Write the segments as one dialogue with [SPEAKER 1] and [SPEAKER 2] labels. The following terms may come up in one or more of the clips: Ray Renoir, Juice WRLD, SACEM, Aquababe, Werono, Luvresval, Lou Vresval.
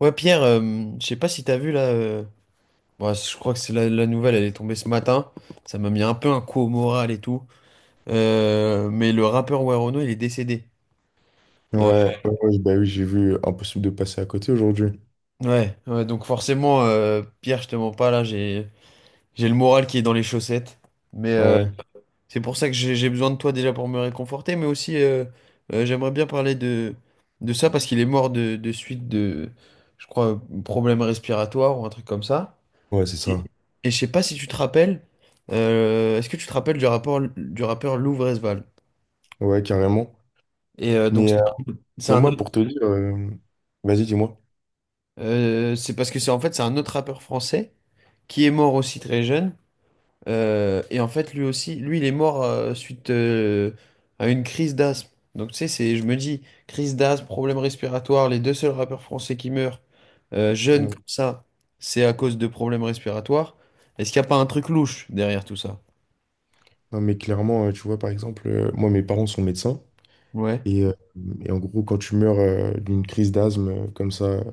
[SPEAKER 1] Ouais, Pierre, je sais pas si t'as vu là. Ouais, je crois que c'est la nouvelle, elle est tombée ce matin. Ça m'a mis un peu un coup au moral et tout. Mais le rappeur Werono, il est décédé.
[SPEAKER 2] Ouais,
[SPEAKER 1] Euh,
[SPEAKER 2] ouais, ouais, bah oui, j'ai vu impossible de passer à côté aujourd'hui.
[SPEAKER 1] ouais, ouais, donc forcément, Pierre, je te mens pas là, j'ai le moral qui est dans les chaussettes. Mais
[SPEAKER 2] Ouais,
[SPEAKER 1] c'est pour ça que j'ai besoin de toi déjà pour me réconforter, mais aussi j'aimerais bien parler de ça parce qu'il est mort de suite je crois, problème respiratoire ou un truc comme ça.
[SPEAKER 2] ouais, c'est ça.
[SPEAKER 1] Et je sais pas si tu te rappelles, est-ce que tu te rappelles du rapport du rappeur Lou Vresval?
[SPEAKER 2] Ouais, carrément.
[SPEAKER 1] Et donc
[SPEAKER 2] Mais, euh,
[SPEAKER 1] c'est
[SPEAKER 2] mais
[SPEAKER 1] un
[SPEAKER 2] moi,
[SPEAKER 1] autre,
[SPEAKER 2] pour te dire, vas-y, dis-moi.
[SPEAKER 1] c'est parce que c'est en fait c'est un autre rappeur français qui est mort aussi très jeune. Et en fait lui aussi, lui il est mort suite à une crise d'asthme. Donc tu sais, c'est, je me dis, crise d'asthme, problème respiratoire, les deux seuls rappeurs français qui meurent jeunes
[SPEAKER 2] Euh,
[SPEAKER 1] comme ça, c'est à cause de problèmes respiratoires. Est-ce qu'il n'y a pas un truc louche derrière tout ça?
[SPEAKER 2] Non, mais clairement, tu vois, par exemple, moi, mes parents sont médecins.
[SPEAKER 1] Ouais,
[SPEAKER 2] Et, euh, et en gros, quand tu meurs d'une crise d'asthme comme ça,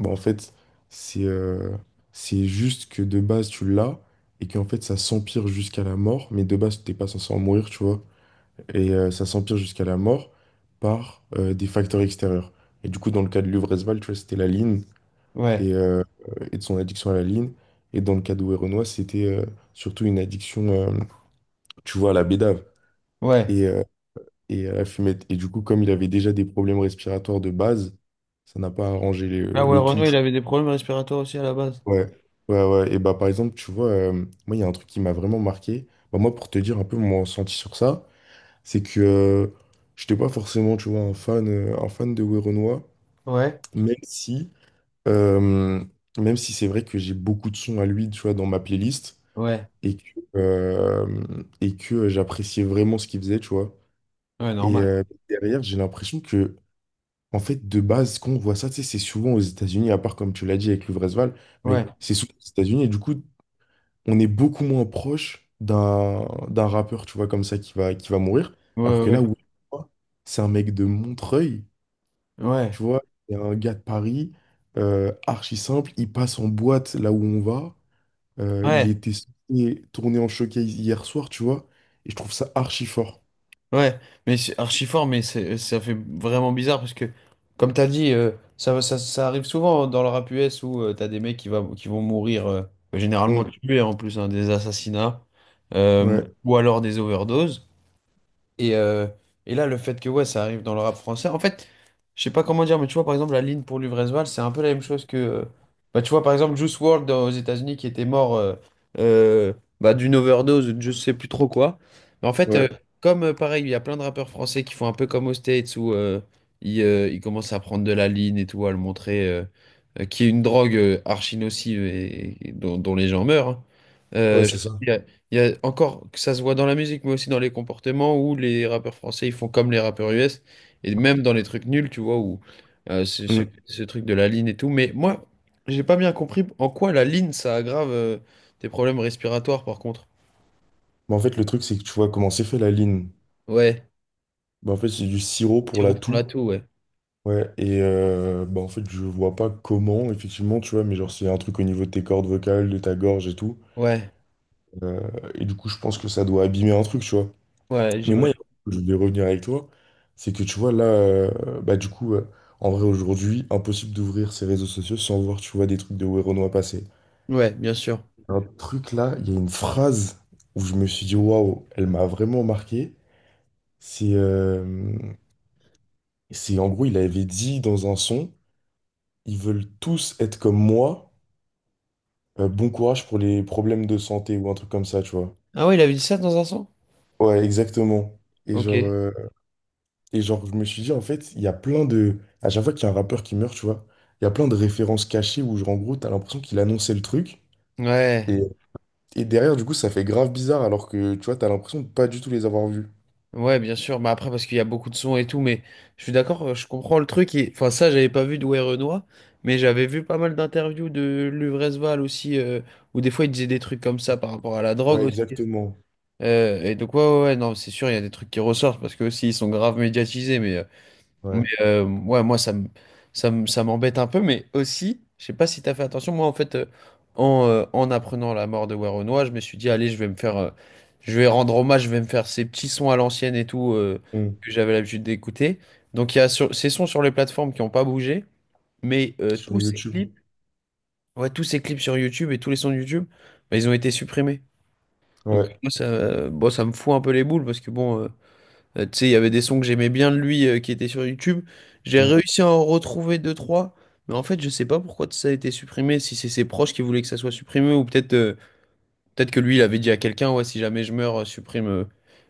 [SPEAKER 2] bah, en fait, c'est euh, c'est juste que de base, tu l'as et qu'en fait, ça s'empire jusqu'à la mort. Mais de base, t'es pas censé en mourir, tu vois. Et ça s'empire jusqu'à la mort par des facteurs extérieurs. Et du coup, dans le cas de Luvresval, tu vois, c'était la ligne
[SPEAKER 1] ouais,
[SPEAKER 2] et, euh, et de son addiction à la ligne. Et dans le cas de Renoir, c'était surtout une addiction, tu vois, à la bédave
[SPEAKER 1] ouais.
[SPEAKER 2] et, euh, et à la fumette. Et du coup, comme il avait déjà des problèmes respiratoires de base, ça n'a pas arrangé
[SPEAKER 1] Ah ouais,
[SPEAKER 2] le tout.
[SPEAKER 1] Renaud,
[SPEAKER 2] Tu
[SPEAKER 1] il avait des problèmes respiratoires aussi à la base.
[SPEAKER 2] ouais, ouais, ouais. Et bah, par exemple, tu vois, moi, il y a un truc qui m'a vraiment marqué. Bah, moi, pour te dire un peu mon ressenti sur ça, c'est que je n'étais pas forcément, tu vois, un fan de Werenoi,
[SPEAKER 1] Ouais,
[SPEAKER 2] même si, euh, même si c'est vrai que j'ai beaucoup de sons à lui, tu vois, dans ma playlist,
[SPEAKER 1] ouais,
[SPEAKER 2] et que, euh, et que j'appréciais vraiment ce qu'il faisait, tu vois.
[SPEAKER 1] ouais,
[SPEAKER 2] Et
[SPEAKER 1] normal.
[SPEAKER 2] derrière, j'ai l'impression que, en fait, de base, quand on voit ça, tu sais, c'est souvent aux États-Unis, à part, comme tu l'as dit, avec Luvresval, mais
[SPEAKER 1] Ouais,
[SPEAKER 2] c'est souvent aux États-Unis, et du coup, on est beaucoup moins proche d'un rappeur, tu vois, comme ça, qui va mourir. Alors
[SPEAKER 1] ouais,
[SPEAKER 2] que
[SPEAKER 1] ouais,
[SPEAKER 2] là, où c'est un mec de Montreuil,
[SPEAKER 1] ouais.
[SPEAKER 2] tu vois, c'est un gars de Paris, archi simple, il passe en boîte là où on va. Il
[SPEAKER 1] Ouais,
[SPEAKER 2] était censé tourner en showcase hier soir, tu vois, et je trouve ça archi fort.
[SPEAKER 1] ouais, mais c'est archi fort, mais c'est, ça fait vraiment bizarre parce que, comme t'as dit, ça, ça, ça arrive souvent dans le rap US où t'as des mecs qui, qui vont mourir, généralement
[SPEAKER 2] Mm.
[SPEAKER 1] tués en plus, hein, des assassinats, euh,
[SPEAKER 2] Ouais,
[SPEAKER 1] ou alors des overdoses. Et, euh, et là, le fait que ouais, ça arrive dans le rap français, en fait, je sais pas comment dire, mais tu vois, par exemple, la ligne pour Luvresval, c'est un peu la même chose que. Bah, tu vois, par exemple, Juice WRLD aux États-Unis qui était mort euh, bah, d'une overdose, ou de je sais plus trop quoi. Mais en fait,
[SPEAKER 2] ouais,
[SPEAKER 1] comme pareil, il y a plein de rappeurs français qui font un peu comme aux States où ils, ils commencent à prendre de la ligne et tout, à le montrer, qui est une drogue archi nocive et dont, dont les gens meurent. Hein.
[SPEAKER 2] ouais,
[SPEAKER 1] Je
[SPEAKER 2] c'est
[SPEAKER 1] trouve
[SPEAKER 2] ça.
[SPEAKER 1] il y a encore que ça se voit dans la musique, mais aussi dans les comportements où les rappeurs français ils font comme les rappeurs US et même dans les trucs nuls, tu vois, où ce,
[SPEAKER 2] Mm.
[SPEAKER 1] ce truc de la ligne et tout. Mais moi, j'ai pas bien compris en quoi la ligne ça aggrave tes problèmes respiratoires, par contre.
[SPEAKER 2] Mais en fait, le truc, c'est que tu vois comment c'est fait la ligne.
[SPEAKER 1] Ouais,
[SPEAKER 2] Bah, en fait, c'est du sirop pour la
[SPEAKER 1] sirop pour
[SPEAKER 2] toux.
[SPEAKER 1] la toux, ouais.
[SPEAKER 2] Ouais, et bah en fait, je vois pas comment, effectivement, tu vois, mais genre, s'il y a un truc au niveau de tes cordes vocales, de ta gorge et tout.
[SPEAKER 1] Ouais,
[SPEAKER 2] Euh, et du coup, je pense que ça doit abîmer un truc, tu vois.
[SPEAKER 1] ouais,
[SPEAKER 2] Mais moi, il
[SPEAKER 1] j'imagine.
[SPEAKER 2] y a un truc que je voulais revenir avec toi, c'est que tu vois, là, du coup, en vrai, aujourd'hui, impossible d'ouvrir ces réseaux sociaux sans voir, tu vois, des trucs de Werenoi passer.
[SPEAKER 1] Ouais, bien sûr.
[SPEAKER 2] Un truc là, il y a une phrase où je me suis dit, waouh, elle m'a vraiment marqué. C'est, euh, c'est en gros, il avait dit dans un son, ils veulent tous être comme moi, bon courage pour les problèmes de santé ou un truc comme ça, tu vois.
[SPEAKER 1] Ah ouais, il avait dit ça dans un son?
[SPEAKER 2] Ouais, exactement. Et genre,
[SPEAKER 1] Ok.
[SPEAKER 2] euh, et genre, je me suis dit, en fait, il y a plein de. À chaque fois qu'il y a un rappeur qui meurt, tu vois, il y a plein de références cachées où, genre, en gros, t'as l'impression qu'il annonçait le truc.
[SPEAKER 1] Ouais.
[SPEAKER 2] Et, et derrière, du coup, ça fait grave bizarre alors que, tu vois, t'as l'impression de pas du tout les avoir vus.
[SPEAKER 1] Ouais, bien sûr. Bah après, parce qu'il y a beaucoup de sons et tout, mais je suis d'accord, je comprends le truc. Et... Enfin, ça, j'avais pas vu d'Ouai Renoir, mais j'avais vu pas mal d'interviews de Luvresval aussi, où des fois il disait des trucs comme ça par rapport à la drogue
[SPEAKER 2] Ouais,
[SPEAKER 1] aussi.
[SPEAKER 2] exactement.
[SPEAKER 1] Et donc, ouais, ouais, ouais, non, c'est sûr, il y a des trucs qui ressortent parce que aussi ils sont grave médiatisés, mais. Mais
[SPEAKER 2] Ouais.
[SPEAKER 1] ouais, moi, ça m'embête un peu, mais aussi, je sais pas si tu as fait attention, moi, en fait, en apprenant la mort de Werenoi, je me suis dit, allez, je vais me faire, je vais rendre hommage, je vais me faire ces petits sons à l'ancienne et tout,
[SPEAKER 2] Mm.
[SPEAKER 1] que j'avais l'habitude d'écouter. Donc, il y a ces sons sur les plateformes qui n'ont pas bougé, mais tous
[SPEAKER 2] Sur
[SPEAKER 1] ces
[SPEAKER 2] YouTube.
[SPEAKER 1] clips, ouais, tous ces clips sur YouTube et tous les sons de YouTube, bah, ils ont été supprimés. Donc,
[SPEAKER 2] Ouais.
[SPEAKER 1] moi, ça, bon, ça me fout un peu les boules, parce que bon... Tu sais, il y avait des sons que j'aimais bien de lui qui étaient sur YouTube. J'ai
[SPEAKER 2] Mm.
[SPEAKER 1] réussi à en retrouver deux, trois. Mais en fait, je sais pas pourquoi ça a été supprimé. Si c'est ses proches qui voulaient que ça soit supprimé, ou peut-être peut-être que lui, il avait dit à quelqu'un, ouais, si jamais je meurs, supprime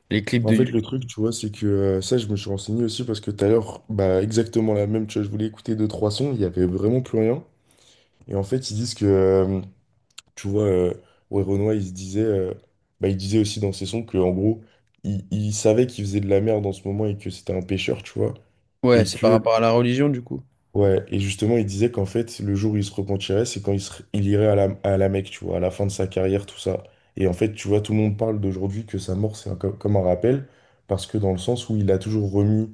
[SPEAKER 1] les clips
[SPEAKER 2] En
[SPEAKER 1] de
[SPEAKER 2] fait, le
[SPEAKER 1] YouTube.
[SPEAKER 2] truc, tu vois, c'est que ça, je me suis renseigné aussi parce que tout à l'heure, bah, exactement la même, tu vois, je voulais écouter 2, 3 sons, il y avait vraiment plus rien. Et en fait, ils disent que, tu vois, euh, Ray Renoir, il se disait, bah, il disait aussi dans ses sons que, en gros, il savait qu'il faisait de la merde en ce moment et que c'était un pêcheur, tu vois.
[SPEAKER 1] Ouais,
[SPEAKER 2] Et
[SPEAKER 1] c'est par
[SPEAKER 2] que,
[SPEAKER 1] rapport à la religion, du coup.
[SPEAKER 2] ouais, et justement, il disait qu'en fait, le jour où il se repentirait, c'est quand il irait à à la Mecque, tu vois, à la fin de sa carrière, tout ça. Et en fait, tu vois, tout le monde parle d'aujourd'hui que sa mort, comme un rappel, parce que dans le sens où il a toujours remis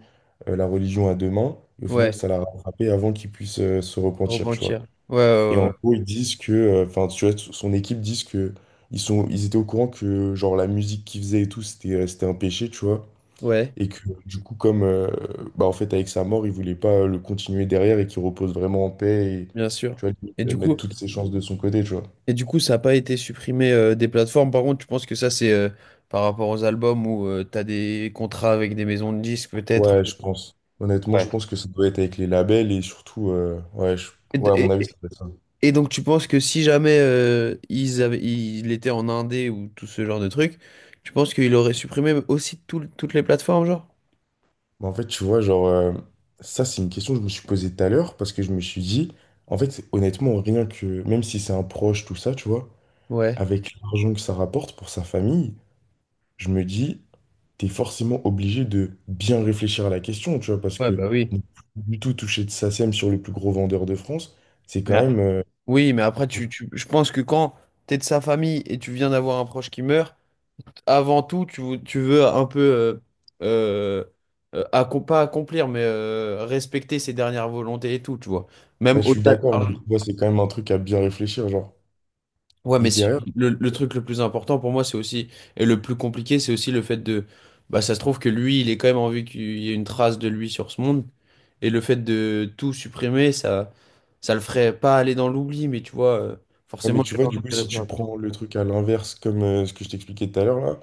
[SPEAKER 2] la religion à deux mains, et au final,
[SPEAKER 1] Ouais,
[SPEAKER 2] ça l'a rattrapé avant qu'il puisse se repentir, tu vois.
[SPEAKER 1] repentir. Ouais,
[SPEAKER 2] Et
[SPEAKER 1] ouais, ouais,
[SPEAKER 2] en gros, ils disent que, enfin, tu vois, son équipe disent que ils étaient au courant que, genre, la musique qu'ils faisaient et tout, c'était un péché, tu vois.
[SPEAKER 1] ouais,
[SPEAKER 2] Et que, du coup, bah, en fait, avec sa mort, ils voulaient pas le continuer derrière et qu'il repose vraiment en paix et,
[SPEAKER 1] bien sûr.
[SPEAKER 2] tu vois, limite,
[SPEAKER 1] Et du
[SPEAKER 2] mettre
[SPEAKER 1] coup,
[SPEAKER 2] toutes ses chances de son côté, tu vois.
[SPEAKER 1] et du coup, ça n'a pas été supprimé des plateformes. Par contre, tu penses que ça, c'est par rapport aux albums où tu as des contrats avec des maisons de disques, peut-être?
[SPEAKER 2] Ouais, je pense. Honnêtement, je
[SPEAKER 1] Ouais.
[SPEAKER 2] pense que ça doit être avec les labels et surtout, ouais, je- ouais, à mon
[SPEAKER 1] Et,
[SPEAKER 2] avis,
[SPEAKER 1] et-
[SPEAKER 2] ça doit être ça.
[SPEAKER 1] Et donc tu penses que si jamais il était en indé ou tout ce genre de truc, tu penses qu'il aurait supprimé aussi toutes les plateformes, genre?
[SPEAKER 2] Bah, en fait, tu vois, ça, c'est une question que je me suis posée tout à l'heure parce que je me suis dit, en fait, honnêtement, rien que, même si c'est un proche, tout ça, tu vois,
[SPEAKER 1] Ouais.
[SPEAKER 2] avec l'argent que ça rapporte pour sa famille, je me dis, t'es forcément obligé de bien réfléchir à la question, tu vois, parce
[SPEAKER 1] Ouais,
[SPEAKER 2] que
[SPEAKER 1] bah oui.
[SPEAKER 2] ne plus du tout toucher de SACEM sur le plus gros vendeur de France, c'est quand
[SPEAKER 1] Mais a-
[SPEAKER 2] même,
[SPEAKER 1] Oui, mais après, je pense que quand t'es de sa famille et tu viens d'avoir un proche qui meurt, avant tout, tu veux un peu, euh, pas accomplir, mais respecter ses dernières volontés et tout, tu vois. Même
[SPEAKER 2] ouais, je suis
[SPEAKER 1] au-delà de
[SPEAKER 2] d'accord, mais
[SPEAKER 1] l'argent.
[SPEAKER 2] tu vois, c'est quand même un truc à bien réfléchir, genre.
[SPEAKER 1] Ouais,
[SPEAKER 2] Et
[SPEAKER 1] mais si-
[SPEAKER 2] derrière,
[SPEAKER 1] le truc le plus important pour moi, c'est aussi, et le plus compliqué, c'est aussi le fait de. Bah, ça se trouve que lui, il est quand même envie qu'il y ait une trace de lui sur ce monde, et le fait de tout supprimer, ça le ferait pas aller dans l'oubli, mais tu vois,
[SPEAKER 2] ouais, mais
[SPEAKER 1] forcément,
[SPEAKER 2] tu
[SPEAKER 1] les
[SPEAKER 2] vois,
[SPEAKER 1] gens le
[SPEAKER 2] du coup,
[SPEAKER 1] diraient
[SPEAKER 2] si
[SPEAKER 1] plus
[SPEAKER 2] tu
[SPEAKER 1] rapidement
[SPEAKER 2] prends le truc à l'inverse, comme ce que je t'expliquais tout à l'heure, là,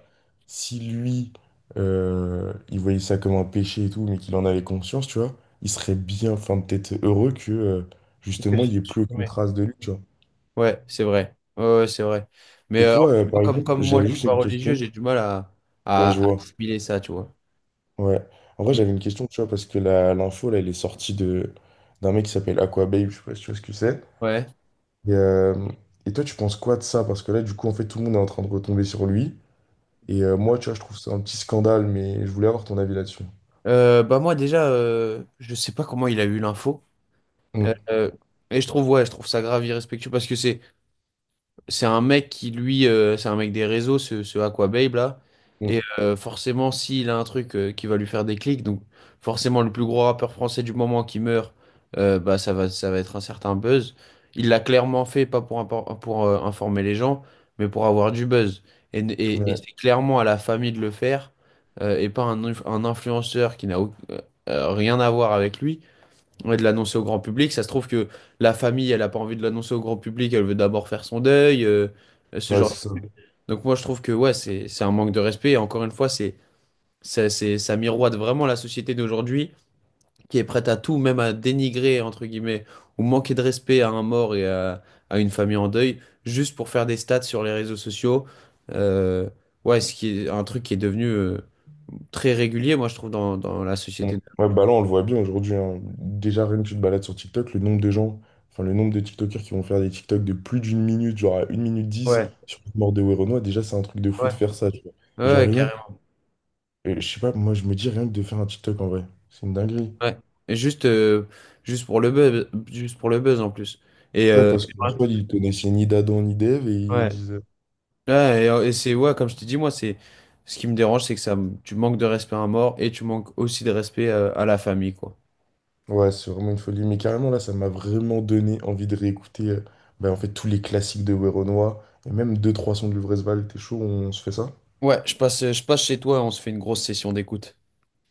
[SPEAKER 2] si lui, il voyait ça comme un péché et tout, mais qu'il en avait conscience, tu vois, il serait bien, enfin, peut-être heureux que,
[SPEAKER 1] que
[SPEAKER 2] justement, il n'y ait plus aucune
[SPEAKER 1] supprimer.
[SPEAKER 2] trace de lui, tu vois.
[SPEAKER 1] Ouais, c'est vrai. Ouais, ouais, c'est vrai. Mais
[SPEAKER 2] Et
[SPEAKER 1] en
[SPEAKER 2] toi,
[SPEAKER 1] fait,
[SPEAKER 2] par exemple,
[SPEAKER 1] comme moi,
[SPEAKER 2] j'avais
[SPEAKER 1] je suis
[SPEAKER 2] juste
[SPEAKER 1] pas
[SPEAKER 2] une
[SPEAKER 1] religieux,
[SPEAKER 2] question.
[SPEAKER 1] j'ai du mal
[SPEAKER 2] Ouais,
[SPEAKER 1] à
[SPEAKER 2] je vois.
[SPEAKER 1] assimiler ça, tu vois.
[SPEAKER 2] Ouais. En vrai,
[SPEAKER 1] Mm.
[SPEAKER 2] j'avais une question, tu vois, parce que l'info, là, elle est sortie de d'un mec qui s'appelle Aquababe, je sais pas si tu vois ce que c'est.
[SPEAKER 1] Ouais.
[SPEAKER 2] Et, euh, et toi, tu penses quoi de ça? Parce que là, du coup, en fait, tout le monde est en train de retomber sur lui. Et moi, tu vois, je trouve ça un petit scandale, mais je voulais avoir ton avis là-dessus.
[SPEAKER 1] Bah moi, déjà, je sais pas comment il a eu l'info.
[SPEAKER 2] Mm,
[SPEAKER 1] Euh, euh, et je trouve, ouais, je trouve ça grave irrespectueux parce que c'est un mec qui, lui, c'est un mec des réseaux, ce Aquababe là. Et
[SPEAKER 2] mm,
[SPEAKER 1] forcément, s'il a un truc qui va lui faire des clics, donc forcément, le plus gros rappeur français du moment qui meurt, bah, ça va être un certain buzz. Il l'a clairement fait, pas pour, impor- pour informer les gens, mais pour avoir du buzz. Et
[SPEAKER 2] ouais,
[SPEAKER 1] c'est clairement à la famille de le faire et pas un influenceur qui n'a rien à voir avec lui et de l'annoncer au grand public. Ça se trouve que la famille, elle a pas envie de l'annoncer au grand public, elle veut d'abord faire son deuil, ce
[SPEAKER 2] ouais,
[SPEAKER 1] genre.
[SPEAKER 2] c'est ça.
[SPEAKER 1] Donc moi, je trouve que ouais, c'est un manque de respect. Et encore une fois, c'est ça miroite vraiment la société d'aujourd'hui qui est prête à tout, même à dénigrer entre guillemets ou manquer de respect à un mort et à une famille en deuil, juste pour faire des stats sur les réseaux sociaux. Euh, ouais, ce qui est un truc qui est devenu très régulier, moi, je trouve, dans, dans la
[SPEAKER 2] Mm.
[SPEAKER 1] société.
[SPEAKER 2] Ouais, bah là, on le voit bien aujourd'hui, hein. Déjà, rien que tu te balades sur TikTok, le nombre de gens, enfin, le nombre de TikTokers qui vont faire des TikTok de plus d'1 minute, genre à 1 minute 10,
[SPEAKER 1] Ouais,
[SPEAKER 2] sur la mort de Werenoi, déjà, c'est un truc de fou de
[SPEAKER 1] ouais.
[SPEAKER 2] faire ça, tu vois. Et genre,
[SPEAKER 1] Ouais,
[SPEAKER 2] rien que,
[SPEAKER 1] carrément.
[SPEAKER 2] et je sais pas, moi, je me dis rien que de faire un TikTok en vrai. C'est une dinguerie.
[SPEAKER 1] Ouais. Et juste, juste pour le buzz, juste pour le buzz en plus. Et
[SPEAKER 2] Ouais,
[SPEAKER 1] euh,
[SPEAKER 2] parce qu'en soi, ils connaissaient ni d'Adam ni d'Ève et ils
[SPEAKER 1] ouais.
[SPEAKER 2] disent.
[SPEAKER 1] Et c'est ouais, comme je te dis, moi, c'est ce qui me dérange, c'est que tu manques de respect à un mort et tu manques aussi de respect à la famille, quoi.
[SPEAKER 2] Ouais, c'est vraiment une folie. Mais carrément, là, ça m'a vraiment donné envie de réécouter ben, en fait, tous les classiques de Werenoi et même 2 3 sons de Luvresval. T'es chaud, on se fait ça?
[SPEAKER 1] Ouais, je passe chez toi et on se fait une grosse session d'écoute.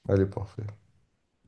[SPEAKER 2] Allez, parfait.